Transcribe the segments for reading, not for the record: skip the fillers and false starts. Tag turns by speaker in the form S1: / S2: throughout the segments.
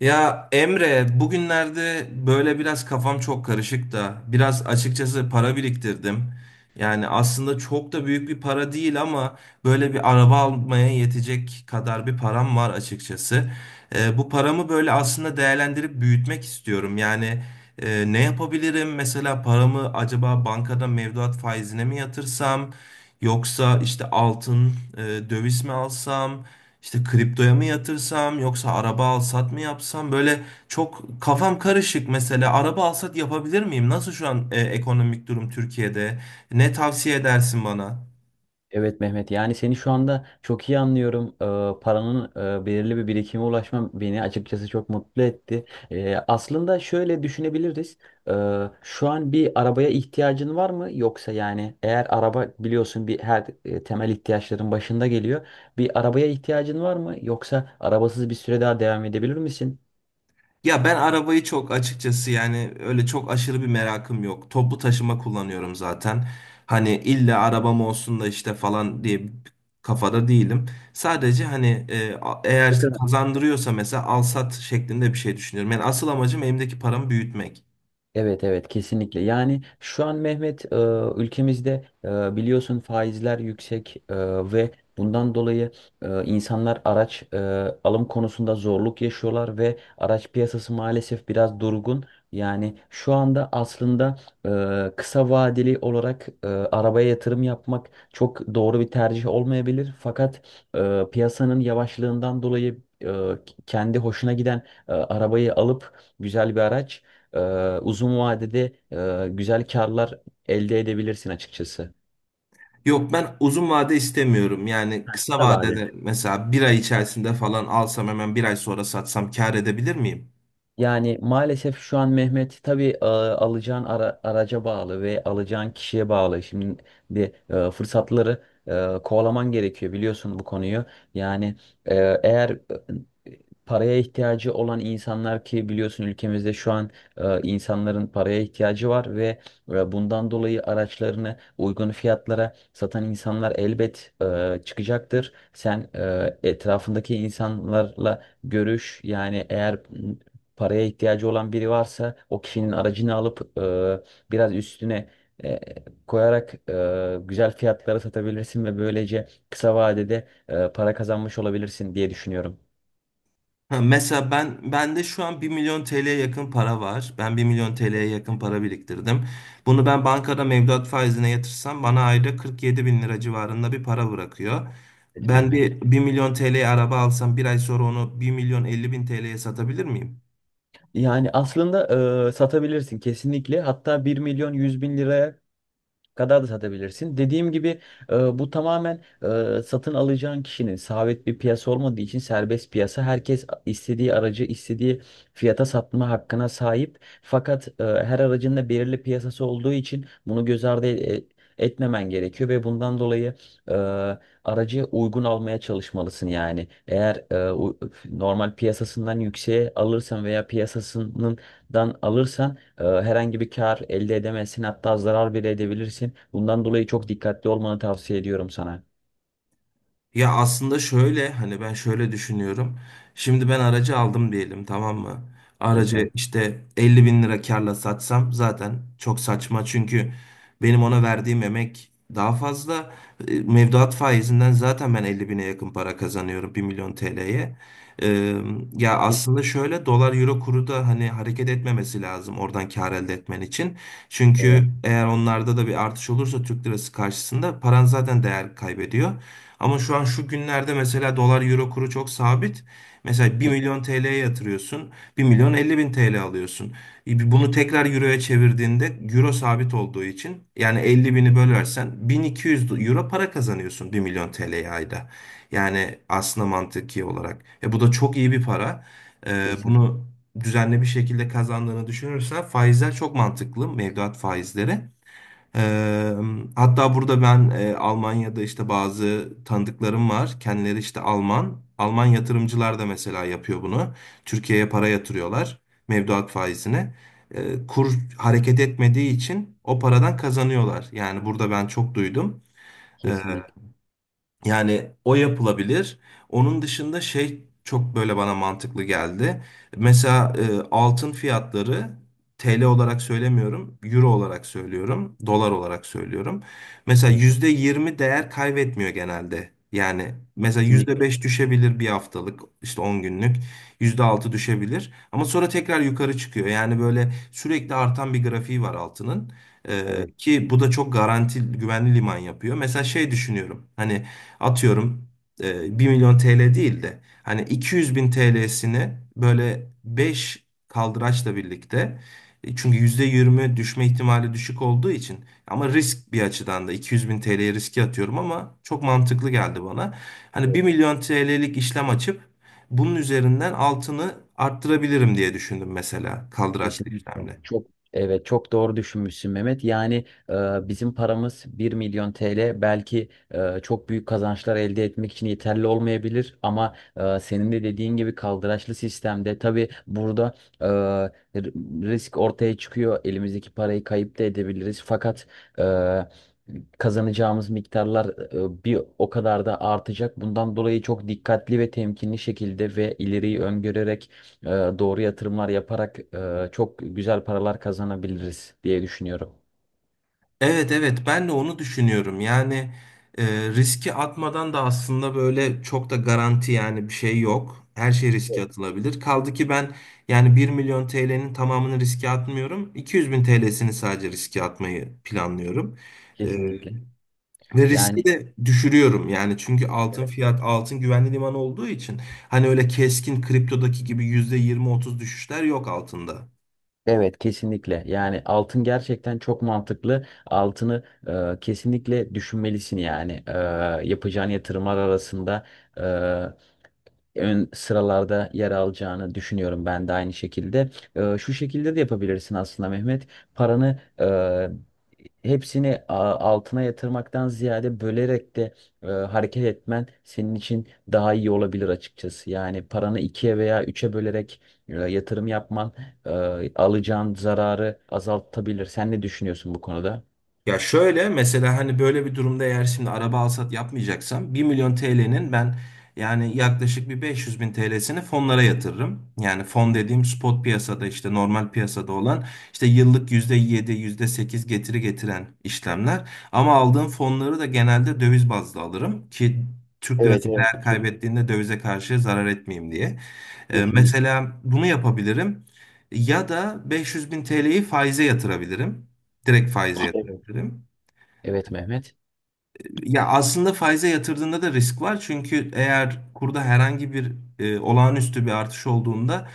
S1: Ya Emre, bugünlerde böyle biraz kafam çok karışık da biraz açıkçası para biriktirdim. Yani aslında çok da büyük bir para değil ama böyle bir araba almaya yetecek kadar bir param var açıkçası. Bu paramı böyle aslında değerlendirip büyütmek istiyorum. Yani ne yapabilirim? Mesela paramı acaba bankada mevduat faizine mi yatırsam? Yoksa işte altın, döviz mi alsam? İşte kriptoya mı yatırsam yoksa araba alsat mı yapsam, böyle çok kafam karışık. Mesela araba alsat yapabilir miyim? Nasıl şu an ekonomik durum Türkiye'de? Ne tavsiye edersin bana?
S2: Evet Mehmet, yani seni şu anda çok iyi anlıyorum. Paranın belirli bir birikime ulaşmam beni açıkçası çok mutlu etti. Aslında şöyle düşünebiliriz. Şu an bir arabaya ihtiyacın var mı? Yoksa, yani eğer araba biliyorsun bir her temel ihtiyaçların başında geliyor. Bir arabaya ihtiyacın var mı? Yoksa arabasız bir süre daha devam edebilir misin?
S1: Ya ben arabayı çok açıkçası yani öyle çok aşırı bir merakım yok. Toplu taşıma kullanıyorum zaten. Hani illa arabam olsun da işte falan diye bir kafada değilim. Sadece hani eğer kazandırıyorsa mesela alsat şeklinde bir şey düşünüyorum. Yani asıl amacım elimdeki paramı büyütmek.
S2: Evet, evet, kesinlikle. Yani şu an Mehmet, ülkemizde biliyorsun faizler yüksek ve bundan dolayı insanlar araç alım konusunda zorluk yaşıyorlar ve araç piyasası maalesef biraz durgun. Yani şu anda aslında kısa vadeli olarak arabaya yatırım yapmak çok doğru bir tercih olmayabilir. Fakat piyasanın yavaşlığından dolayı e, kendi hoşuna giden arabayı alıp güzel bir araç uzun vadede güzel karlar elde edebilirsin açıkçası.
S1: Yok, ben uzun vade istemiyorum. Yani kısa
S2: Kısa vadede.
S1: vadede mesela bir ay içerisinde falan alsam hemen bir ay sonra satsam kâr edebilir miyim?
S2: Yani maalesef şu an Mehmet, tabii alacağın araca bağlı ve alacağın kişiye bağlı. Şimdi de fırsatları kovalaman gerekiyor, biliyorsun bu konuyu. Yani e, eğer paraya ihtiyacı olan insanlar, ki biliyorsun ülkemizde şu an insanların paraya ihtiyacı var ve bundan dolayı araçlarını uygun fiyatlara satan insanlar elbet çıkacaktır. Sen etrafındaki insanlarla görüş yani, eğer paraya ihtiyacı olan biri varsa o kişinin aracını alıp biraz üstüne e, koyarak güzel fiyatlara satabilirsin ve böylece kısa vadede para kazanmış olabilirsin diye düşünüyorum.
S1: Ha, mesela ben bende şu an bir milyon TL'ye yakın para var. Ben bir milyon TL'ye yakın para biriktirdim. Bunu ben bankada mevduat faizine yatırsam bana ayda 47 bin lira civarında bir para bırakıyor.
S2: Evet
S1: Ben
S2: Mehmet.
S1: bir milyon TL'ye araba alsam bir ay sonra onu bir milyon 50 bin TL'ye satabilir miyim?
S2: Yani aslında satabilirsin kesinlikle. Hatta 1.100.000 liraya kadar da satabilirsin. Dediğim gibi bu tamamen satın alacağın kişinin, sabit bir piyasa olmadığı için serbest piyasa. Herkes istediği aracı istediği fiyata satma hakkına sahip. Fakat her aracın da belirli piyasası olduğu için bunu göz ardı etmemen gerekiyor ve bundan dolayı e, aracı uygun almaya çalışmalısın yani. Eğer normal piyasasından yükseğe alırsan veya piyasasından alırsan, herhangi bir kar elde edemezsin, hatta zarar bile edebilirsin. Bundan dolayı çok dikkatli olmanı tavsiye ediyorum sana.
S1: Ya aslında şöyle, hani ben şöyle düşünüyorum. Şimdi ben aracı aldım diyelim, tamam mı?
S2: Evet mi?
S1: Aracı işte 50 bin lira karla satsam zaten çok saçma. Çünkü benim ona verdiğim emek daha fazla. Mevduat faizinden zaten ben 50 bine yakın para kazanıyorum 1 milyon TL'ye. E, Ya
S2: Kes-
S1: aslında şöyle, dolar euro kuru da hani hareket etmemesi lazım oradan kar elde etmen için.
S2: Evet.
S1: Çünkü eğer onlarda da bir artış olursa Türk lirası karşısında paran zaten değer kaybediyor. Ama şu an şu günlerde mesela dolar euro kuru çok sabit. Mesela bir
S2: Ke-
S1: milyon TL'ye yatırıyorsun, bir milyon 50 bin TL alıyorsun. Bunu tekrar euroya çevirdiğinde, euro sabit olduğu için, yani 50 bini bölersen 1200 euro para kazanıyorsun bir milyon TL'ye ayda. Yani aslında mantıki olarak. Bu da çok iyi bir para.
S2: Kesin,
S1: Bunu düzenli bir şekilde kazandığını düşünürsen faizler çok mantıklı. Mevduat faizleri. Eee, Hatta burada ben Almanya'da işte bazı tanıdıklarım var. Kendileri işte Alman. Alman yatırımcılar da mesela yapıyor bunu. Türkiye'ye para yatırıyorlar mevduat faizine. Kur hareket etmediği için o paradan kazanıyorlar. Yani burada ben çok duydum.
S2: kesinlikle.
S1: Yani o yapılabilir. Onun dışında şey çok böyle bana mantıklı geldi. Mesela altın fiyatları, TL olarak söylemiyorum, euro olarak söylüyorum, dolar olarak söylüyorum. Mesela
S2: Evet,
S1: %20 değer kaybetmiyor genelde. Yani mesela yüzde
S2: kesinlikle.
S1: beş düşebilir bir haftalık, işte 10 günlük, %6 düşebilir. Ama sonra tekrar yukarı çıkıyor. Yani böyle sürekli artan bir grafiği var altının.
S2: Evet.
S1: Ki bu da çok garanti, güvenli liman yapıyor. Mesela şey düşünüyorum. Hani atıyorum, 1 milyon TL değil de hani 200 bin TL'sini böyle 5 kaldıraçla birlikte, çünkü %20 düşme ihtimali düşük olduğu için, ama risk bir açıdan da, 200 bin TL'ye riski atıyorum ama çok mantıklı geldi bana. Hani bir
S2: Evet.
S1: milyon TL'lik işlem açıp bunun üzerinden altını arttırabilirim diye düşündüm mesela, kaldıraçlı
S2: Kesinlikle.
S1: işlemle.
S2: Evet, çok doğru düşünmüşsün Mehmet. Yani e, bizim paramız 1.000.000 TL belki çok büyük kazançlar elde etmek için yeterli olmayabilir, ama senin de dediğin gibi kaldıraçlı sistemde tabii burada e, r- risk ortaya çıkıyor. Elimizdeki parayı kayıp da edebiliriz. Fakat e, kazanacağımız miktarlar bir o kadar da artacak. Bundan dolayı çok dikkatli ve temkinli şekilde ve ileriyi öngörerek e, doğru yatırımlar yaparak çok güzel paralar kazanabiliriz diye düşünüyorum.
S1: Evet, evet, ben de onu düşünüyorum. Yani e, riski atmadan da aslında böyle çok da garanti yani bir şey yok. Her şey riske atılabilir. Kaldı ki ben yani bir milyon TL'nin tamamını riske atmıyorum. 200 bin TL'sini sadece riske atmayı planlıyorum. E,
S2: Kesinlikle.
S1: Ve riski
S2: Yani
S1: de düşürüyorum yani, çünkü
S2: evet,
S1: altın güvenli liman olduğu için hani öyle keskin kriptodaki gibi %20-30 düşüşler yok altında.
S2: evet, kesinlikle. Yani altın gerçekten çok mantıklı. Altını kesinlikle düşünmelisin yani. Yapacağın yatırımlar arasında E, ön sıralarda yer alacağını düşünüyorum ben de aynı şekilde. Şu şekilde de yapabilirsin aslında Mehmet. Paranı hepsini altına yatırmaktan ziyade bölerek de hareket etmen senin için daha iyi olabilir açıkçası. Yani paranı ikiye veya üçe bölerek yatırım yapman e, alacağın zararı azaltabilir. Sen ne düşünüyorsun bu konuda?
S1: Ya şöyle, mesela hani böyle bir durumda, eğer şimdi araba alsat yapmayacaksam, bir milyon TL'nin ben yani yaklaşık bir 500 bin TL'sini fonlara yatırırım. Yani fon dediğim, spot piyasada işte normal piyasada olan işte yıllık %7 yüzde sekiz getiri getiren işlemler. Ama aldığım fonları da genelde döviz bazlı alırım ki Türk
S2: Evet,
S1: lirası
S2: evet.
S1: değer kaybettiğinde dövize karşı zarar etmeyeyim diye.
S2: Kesinlikle.
S1: Mesela bunu yapabilirim ya da 500 bin TL'yi faize yatırabilirim. Direkt faize
S2: Evet.
S1: yatırabilirim.
S2: Evet Mehmet.
S1: Ya aslında faize yatırdığında da risk var. Çünkü eğer kurda herhangi bir olağanüstü bir artış olduğunda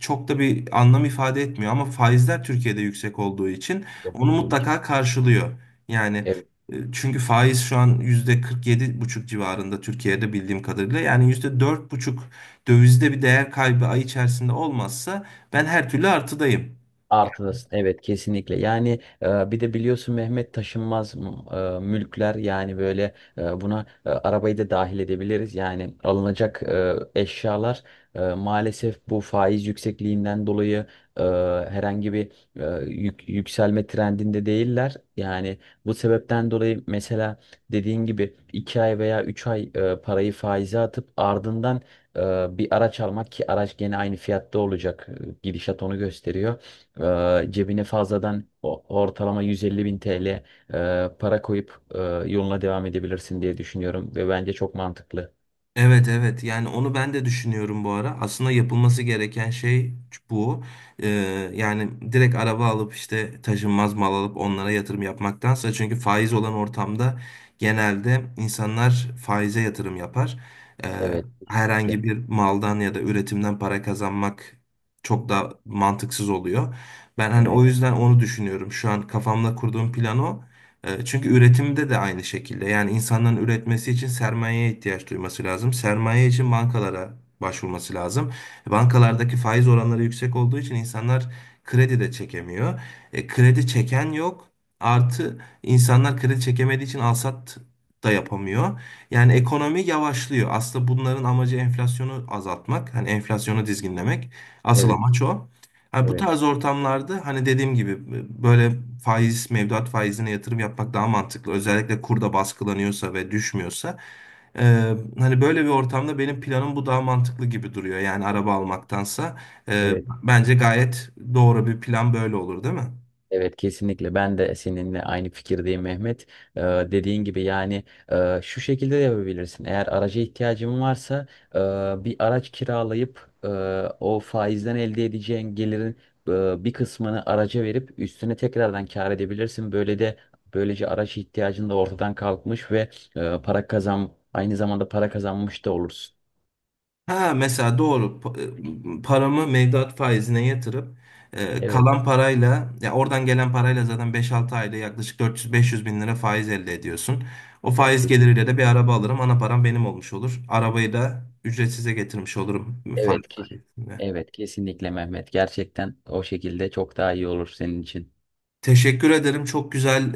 S1: çok da bir anlam ifade etmiyor. Ama faizler Türkiye'de yüksek olduğu için onu mutlaka karşılıyor. Yani
S2: Evet.
S1: çünkü faiz şu an %47,5 civarında Türkiye'de, bildiğim kadarıyla. Yani %4,5 dövizde bir değer kaybı ay içerisinde olmazsa ben her türlü artıdayım.
S2: Artıdasın. Evet, kesinlikle. Yani bir de biliyorsun Mehmet, taşınmaz mülkler yani, böyle buna arabayı da dahil edebiliriz. Yani alınacak eşyalar maalesef bu faiz yüksekliğinden dolayı e, herhangi bir yükselme trendinde değiller. Yani bu sebepten dolayı mesela dediğin gibi 2 ay veya 3 ay parayı faize atıp ardından e, bir araç almak, ki araç gene aynı fiyatta olacak. Gidişat onu gösteriyor. Cebine fazladan ortalama 150 bin TL para koyup yoluna devam edebilirsin diye düşünüyorum ve bence çok mantıklı.
S1: Evet, evet, yani onu ben de düşünüyorum bu ara. Aslında yapılması gereken şey bu. Ee, Yani direkt araba alıp işte taşınmaz mal alıp onlara yatırım yapmaktansa, çünkü faiz olan ortamda genelde insanlar faize yatırım yapar. Ee,
S2: Evet, kesinlikle.
S1: Herhangi bir maldan ya da üretimden para kazanmak çok da mantıksız oluyor. Ben hani
S2: Evet.
S1: o yüzden onu düşünüyorum. Şu an kafamda kurduğum plan o. Çünkü üretimde de aynı şekilde. Yani insanların üretmesi için sermayeye ihtiyaç duyması lazım. Sermaye için bankalara başvurması lazım. Bankalardaki faiz oranları yüksek olduğu için insanlar kredi de çekemiyor. Kredi çeken yok. Artı, insanlar kredi çekemediği için alsat da yapamıyor. Yani ekonomi yavaşlıyor. Aslında bunların amacı enflasyonu azaltmak. Hani enflasyonu dizginlemek. Asıl
S2: Evet.
S1: amaç o. Hani bu
S2: Evet.
S1: tarz ortamlarda, hani dediğim gibi, böyle faiz, mevduat faizine yatırım yapmak daha mantıklı. Özellikle kurda baskılanıyorsa ve düşmüyorsa. Hani böyle bir ortamda benim planım bu, daha mantıklı gibi duruyor. Yani araba almaktansa. Ee,
S2: Evet.
S1: Bence gayet doğru bir plan böyle olur, değil mi?
S2: Evet kesinlikle, ben de seninle aynı fikirdeyim Mehmet. Ee, dediğin gibi yani, şu şekilde de yapabilirsin. Eğer araca ihtiyacın varsa e, bir araç kiralayıp o faizden elde edeceğin gelirin bir kısmını araca verip üstüne tekrardan kâr edebilirsin. Böyle de böylece araç ihtiyacın da ortadan kalkmış ve e, para kazan aynı zamanda para kazanmış da olursun.
S1: Ha, mesela doğru. Paramı mevduat faizine yatırıp
S2: Evet.
S1: kalan parayla, ya oradan gelen parayla, zaten beş altı ayda yaklaşık 400-500 bin lira faiz elde ediyorsun. O faiz
S2: Belki.
S1: geliriyle de bir araba alırım. Ana param benim olmuş olur. Arabayı da ücretsize getirmiş olurum faiz
S2: Evet ki.
S1: sayesinde.
S2: Evet, kesinlikle Mehmet. Gerçekten o şekilde çok daha iyi olur senin için.
S1: Teşekkür ederim. Çok güzel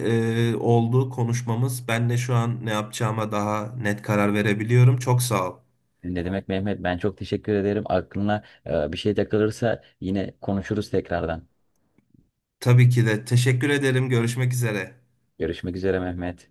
S1: oldu konuşmamız. Ben de şu an ne yapacağıma daha net karar verebiliyorum. Çok sağ ol.
S2: Ne demek Mehmet? Ben çok teşekkür ederim. Aklına bir şey takılırsa yine konuşuruz tekrardan.
S1: Tabii ki de teşekkür ederim. Görüşmek üzere.
S2: Görüşmek üzere Mehmet.